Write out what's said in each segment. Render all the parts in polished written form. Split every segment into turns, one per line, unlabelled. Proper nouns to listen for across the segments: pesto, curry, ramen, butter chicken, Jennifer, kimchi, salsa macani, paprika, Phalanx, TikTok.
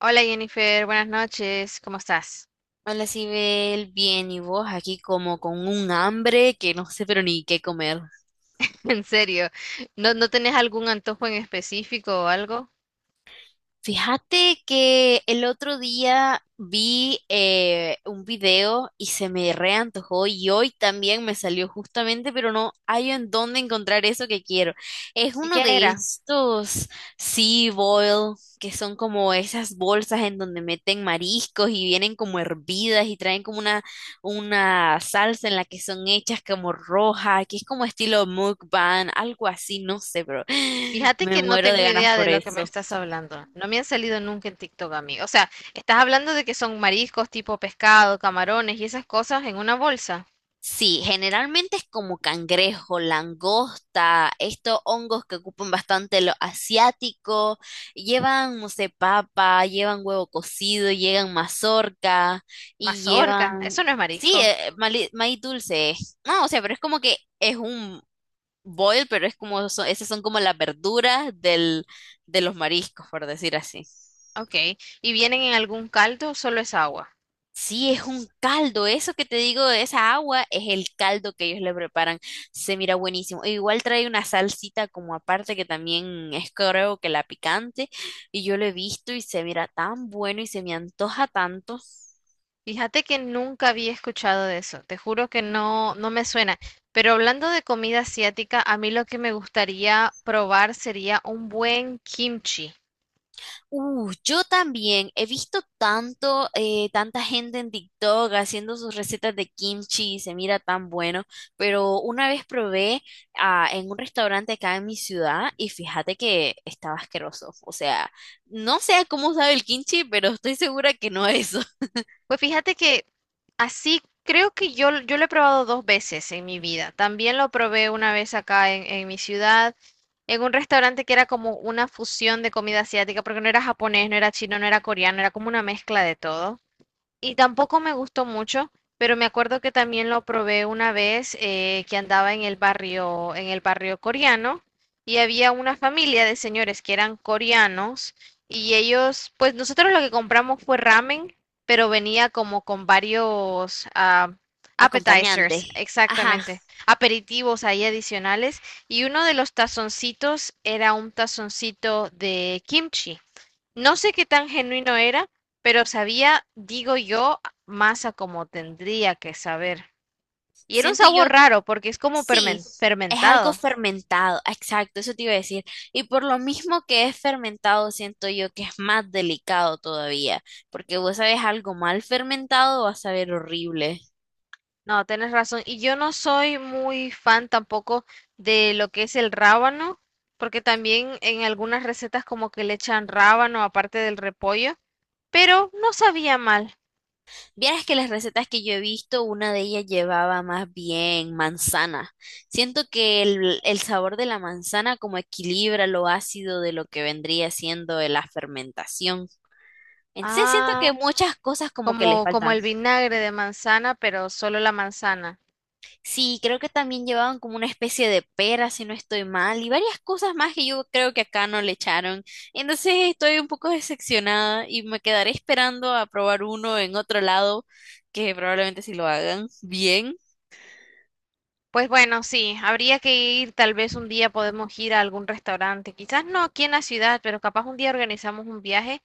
Hola Jennifer, buenas noches, ¿cómo estás?
Hola, Sibel, bien, ¿y vos? Aquí como con un hambre que no sé pero ni qué comer.
En serio, ¿No tenés algún antojo en específico o algo?
Fíjate que el otro día vi un video y se me reantojó y hoy también me salió justamente, pero no hay en dónde encontrar eso que quiero. Es
¿Y
uno
qué
de
era?
estos sea boil que son como esas bolsas en donde meten mariscos y vienen como hervidas y traen como una salsa en la que son hechas como roja, que es como estilo mukbang, algo así, no sé, pero
Fíjate
me
que no
muero de
tengo
ganas
idea de
por
lo que me
eso.
estás hablando. No me han salido nunca en TikTok a mí. O sea, estás hablando de que son mariscos tipo pescado, camarones y esas cosas en una bolsa.
Sí, generalmente es como cangrejo, langosta, estos hongos que ocupan bastante lo asiático, llevan, no sé, papa, llevan huevo cocido, llevan mazorca y
Mazorca,
llevan,
eso no es
sí,
marisco.
maíz dulce. No, o sea, pero es como que es un boil, pero es como, esas son como las verduras del, de los mariscos, por decir así.
Ok. ¿Y vienen en algún caldo o solo es agua?
Sí, es un caldo, eso que te digo esa agua es el caldo que ellos le preparan, se mira buenísimo. E igual trae una salsita como aparte que también es creo que la picante y yo lo he visto y se mira tan bueno y se me antoja tanto.
Fíjate que nunca había escuchado de eso, te juro que no, no me suena. Pero hablando de comida asiática, a mí lo que me gustaría probar sería un buen kimchi.
Yo también he visto tanto, tanta gente en TikTok haciendo sus recetas de kimchi y se mira tan bueno, pero una vez probé en un restaurante acá en mi ciudad y fíjate que estaba asqueroso. O sea, no sé cómo sabe el kimchi, pero estoy segura que no es eso.
Pues fíjate que así creo que yo lo he probado 2 veces en mi vida. También lo probé una vez acá en mi ciudad, en un restaurante que era como una fusión de comida asiática, porque no era japonés, no era chino, no era coreano, era como una mezcla de todo. Y tampoco me gustó mucho, pero me acuerdo que también lo probé una vez que andaba en el barrio coreano, y había una familia de señores que eran coreanos, y ellos, pues nosotros lo que compramos fue ramen, pero venía como con varios
Acompañante.
appetizers,
Ajá,
exactamente, aperitivos ahí adicionales, y uno de los tazoncitos era un tazoncito de kimchi. No sé qué tan genuino era, pero sabía, digo yo, más a como tendría que saber. Y era un
siento yo.
sabor raro porque es como
Sí, es algo
fermentado.
fermentado, exacto, eso te iba a decir. Y por lo mismo que es fermentado, siento yo que es más delicado todavía, porque vos sabes algo mal fermentado, vas a ver horrible.
No, tenés razón. Y yo no soy muy fan tampoco de lo que es el rábano, porque también en algunas recetas como que le echan rábano aparte del repollo, pero no sabía mal.
Vieras que las recetas que yo he visto, una de ellas llevaba más bien manzana. Siento que el sabor de la manzana como equilibra lo ácido de lo que vendría siendo de la fermentación. Entonces siento
Ah,
que muchas cosas como que les
como, como
faltan.
el vinagre de manzana, pero solo la manzana.
Sí, creo que también llevaban como una especie de pera, si no estoy mal, y varias cosas más que yo creo que acá no le echaron. Entonces estoy un poco decepcionada y me quedaré esperando a probar uno en otro lado, que probablemente si lo hagan bien.
Pues bueno, sí, habría que ir, tal vez un día podemos ir a algún restaurante, quizás no aquí en la ciudad, pero capaz un día organizamos un viaje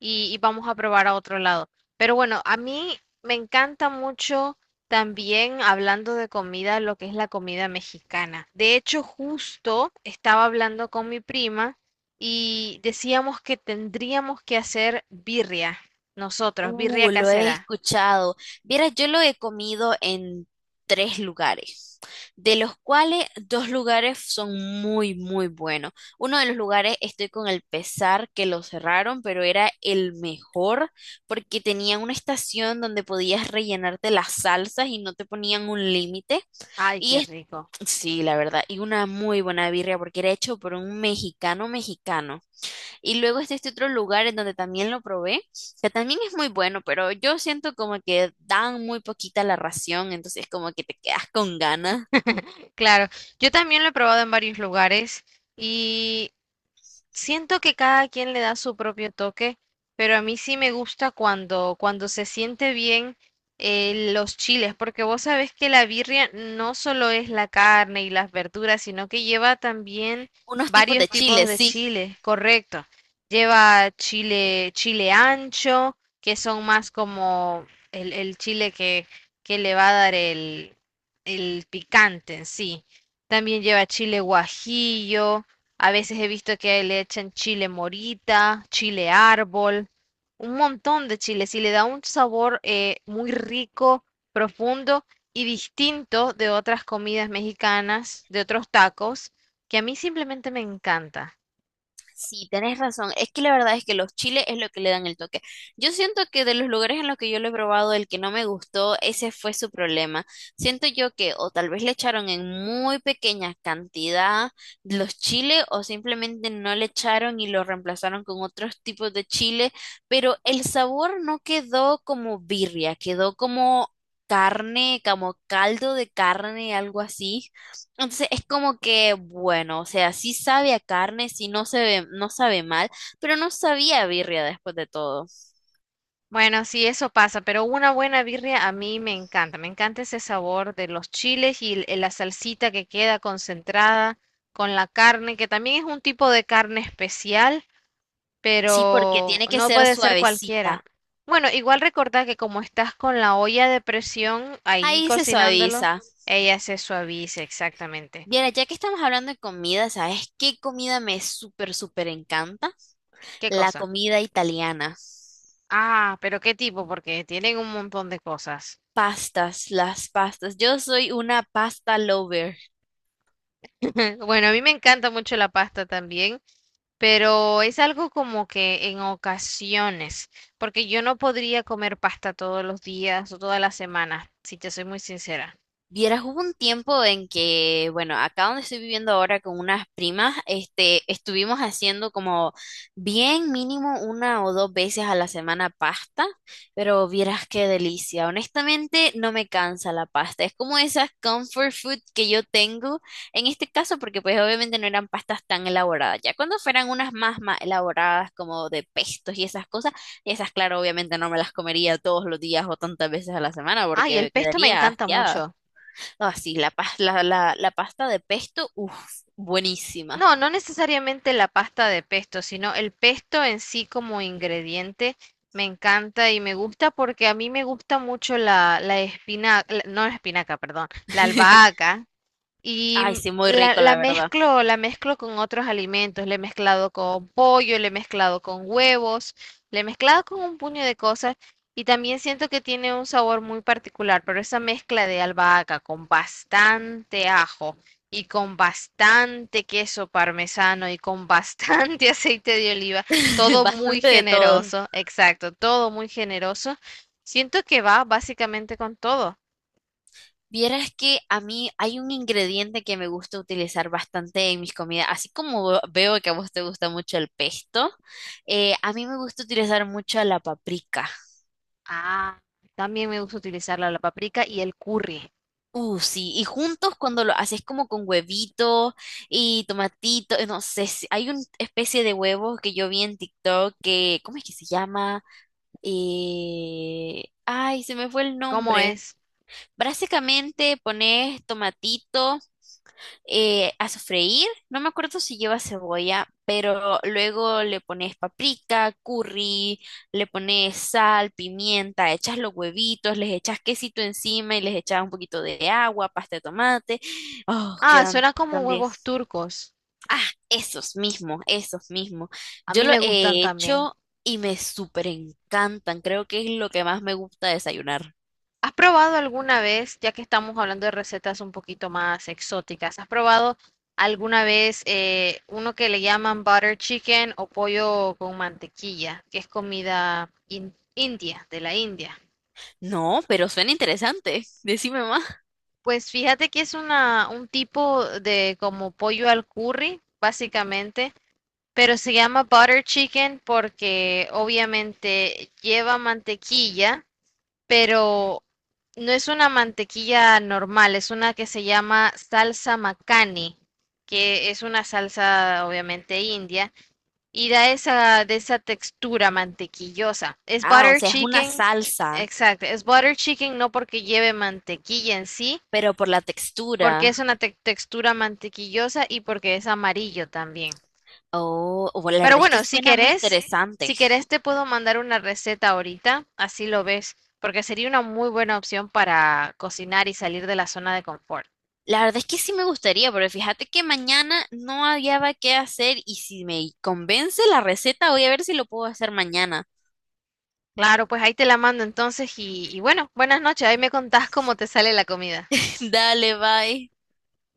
y vamos a probar a otro lado. Pero bueno, a mí me encanta mucho también hablando de comida, lo que es la comida mexicana. De hecho, justo estaba hablando con mi prima y decíamos que tendríamos que hacer birria, nosotros, birria
Lo he
casera.
escuchado. Vieras, yo lo he comido en tres lugares, de los cuales dos lugares son muy, muy buenos. Uno de los lugares estoy con el pesar que lo cerraron, pero era el mejor porque tenía una estación donde podías rellenarte las salsas y no te ponían un límite.
Ay,
Y
qué
es,
rico.
sí, la verdad, y una muy buena birria porque era hecho por un mexicano mexicano. Y luego está este otro lugar en donde también lo probé, que también es muy bueno, pero yo siento como que dan muy poquita la ración, entonces como que te quedas con ganas.
Claro, yo también lo he probado en varios lugares, y siento que cada quien le da su propio toque, pero a mí sí me gusta cuando, cuando se siente bien los chiles, porque vos sabés que la birria no solo es la carne y las verduras, sino que lleva también
Unos tipos de
varios tipos
chiles,
de
sí.
chiles, correcto. Lleva chile, chile ancho, que son más como el chile que le va a dar el picante en sí. También lleva chile guajillo. A veces he visto que le echan chile morita, chile árbol, un montón de chiles y le da un sabor muy rico, profundo y distinto de otras comidas mexicanas, de otros tacos, que a mí simplemente me encanta.
Sí, tenés razón. Es que la verdad es que los chiles es lo que le dan el toque. Yo siento que de los lugares en los que yo lo he probado, el que no me gustó, ese fue su problema. Siento yo que o tal vez le echaron en muy pequeña cantidad los chiles o simplemente no le echaron y lo reemplazaron con otros tipos de chile, pero el sabor no quedó como birria, quedó como carne, como caldo de carne, algo así. Entonces es como que, bueno, o sea, sí sabe a carne, sí no se ve, no sabe mal, pero no sabía a birria después de todo.
Bueno, sí, eso pasa, pero una buena birria a mí me encanta. Me encanta ese sabor de los chiles y la salsita que queda concentrada con la carne, que también es un tipo de carne especial,
Sí, porque
pero
tiene que
no
ser
puede ser cualquiera.
suavecita.
Bueno, igual recordá que como estás con la olla de presión ahí
Ahí se
cocinándolo,
suaviza.
ella se suaviza exactamente.
Mira, ya que estamos hablando de comida, ¿sabes qué comida me súper, súper encanta?
¿Qué
La
cosa?
comida italiana.
Ah, pero qué tipo, porque tienen un montón de cosas.
Pastas, las pastas. Yo soy una pasta lover.
Bueno, a mí me encanta mucho la pasta también, pero es algo como que en ocasiones, porque yo no podría comer pasta todos los días o todas las semanas, si te soy muy sincera.
Vieras, hubo un tiempo en que, bueno, acá donde estoy viviendo ahora con unas primas, este, estuvimos haciendo como bien mínimo una o dos veces a la semana pasta, pero vieras qué delicia. Honestamente, no me cansa la pasta. Es como esas comfort food que yo tengo en este caso, porque pues obviamente no eran pastas tan elaboradas. Ya cuando fueran unas más más elaboradas, como de pestos y esas cosas, esas, claro, obviamente no me las comería todos los días o tantas veces a la semana
Ay, el
porque
pesto me
quedaría
encanta
hastiada.
mucho.
Ah, sí, la pasta de pesto, uff, buenísima.
No, no necesariamente la pasta de pesto, sino el pesto en sí como ingrediente me encanta y me gusta porque a mí me gusta mucho la espinaca, no la espinaca, perdón, la albahaca.
Ay,
Y
sí, muy rico, la verdad.
la mezclo con otros alimentos. Le he mezclado con pollo, le he mezclado con huevos, le he mezclado con un puño de cosas. Y también siento que tiene un sabor muy particular, pero esa mezcla de albahaca con bastante ajo y con bastante queso parmesano y con bastante aceite de oliva, todo muy
Bastante de todo.
generoso, exacto, todo muy generoso. Siento que va básicamente con todo.
Vieras que a mí hay un ingrediente que me gusta utilizar bastante en mis comidas, así como veo que a vos te gusta mucho el pesto, a mí me gusta utilizar mucho la paprika.
Ah, también me gusta utilizarla la paprika y el curry.
Sí, y juntos cuando lo haces como con huevito y tomatito, no sé, hay una especie de huevo que yo vi en TikTok que, ¿cómo es que se llama? Y, ay, se me fue el
¿Cómo
nombre.
es?
Básicamente pones tomatito a sofreír. No me acuerdo si lleva cebolla, pero luego le pones paprika, curry, le pones sal, pimienta, echas los huevitos, les echas quesito encima y les echas un poquito de agua, pasta de tomate. Oh,
Ah,
quedan
suena como
tan bien.
huevos turcos.
Ah, esos mismos, esos mismos.
A
Yo
mí
lo
me gustan
he
también.
hecho y me súper encantan. Creo que es lo que más me gusta desayunar.
¿Has probado alguna vez, ya que estamos hablando de recetas un poquito más exóticas, has probado alguna vez uno que le llaman butter chicken o pollo con mantequilla, que es comida india, de la India?
No, pero suena interesante. Decime más.
Pues fíjate que es una, un tipo de como pollo al curry, básicamente. Pero se llama butter chicken porque obviamente lleva mantequilla, pero no es una mantequilla normal, es una que se llama salsa macani, que es una salsa obviamente india y da esa de esa textura mantequillosa. Es
Ah, o
butter
sea, es una
chicken,
salsa,
exacto, es butter chicken no porque lleve mantequilla en sí,
pero por la
porque
textura.
es una textura mantequillosa y porque es amarillo también.
Oh, oh, la
Pero
verdad es que
bueno, si
suena muy
querés,
interesante.
si querés te puedo mandar una receta ahorita, así lo ves, porque sería una muy buena opción para cocinar y salir de la zona de confort.
La verdad es que sí me gustaría, pero fíjate que mañana no había qué hacer y si me convence la receta, voy a ver si lo puedo hacer mañana.
Claro, pues ahí te la mando entonces y bueno, buenas noches, ahí me contás cómo te sale la comida.
Dale, bye.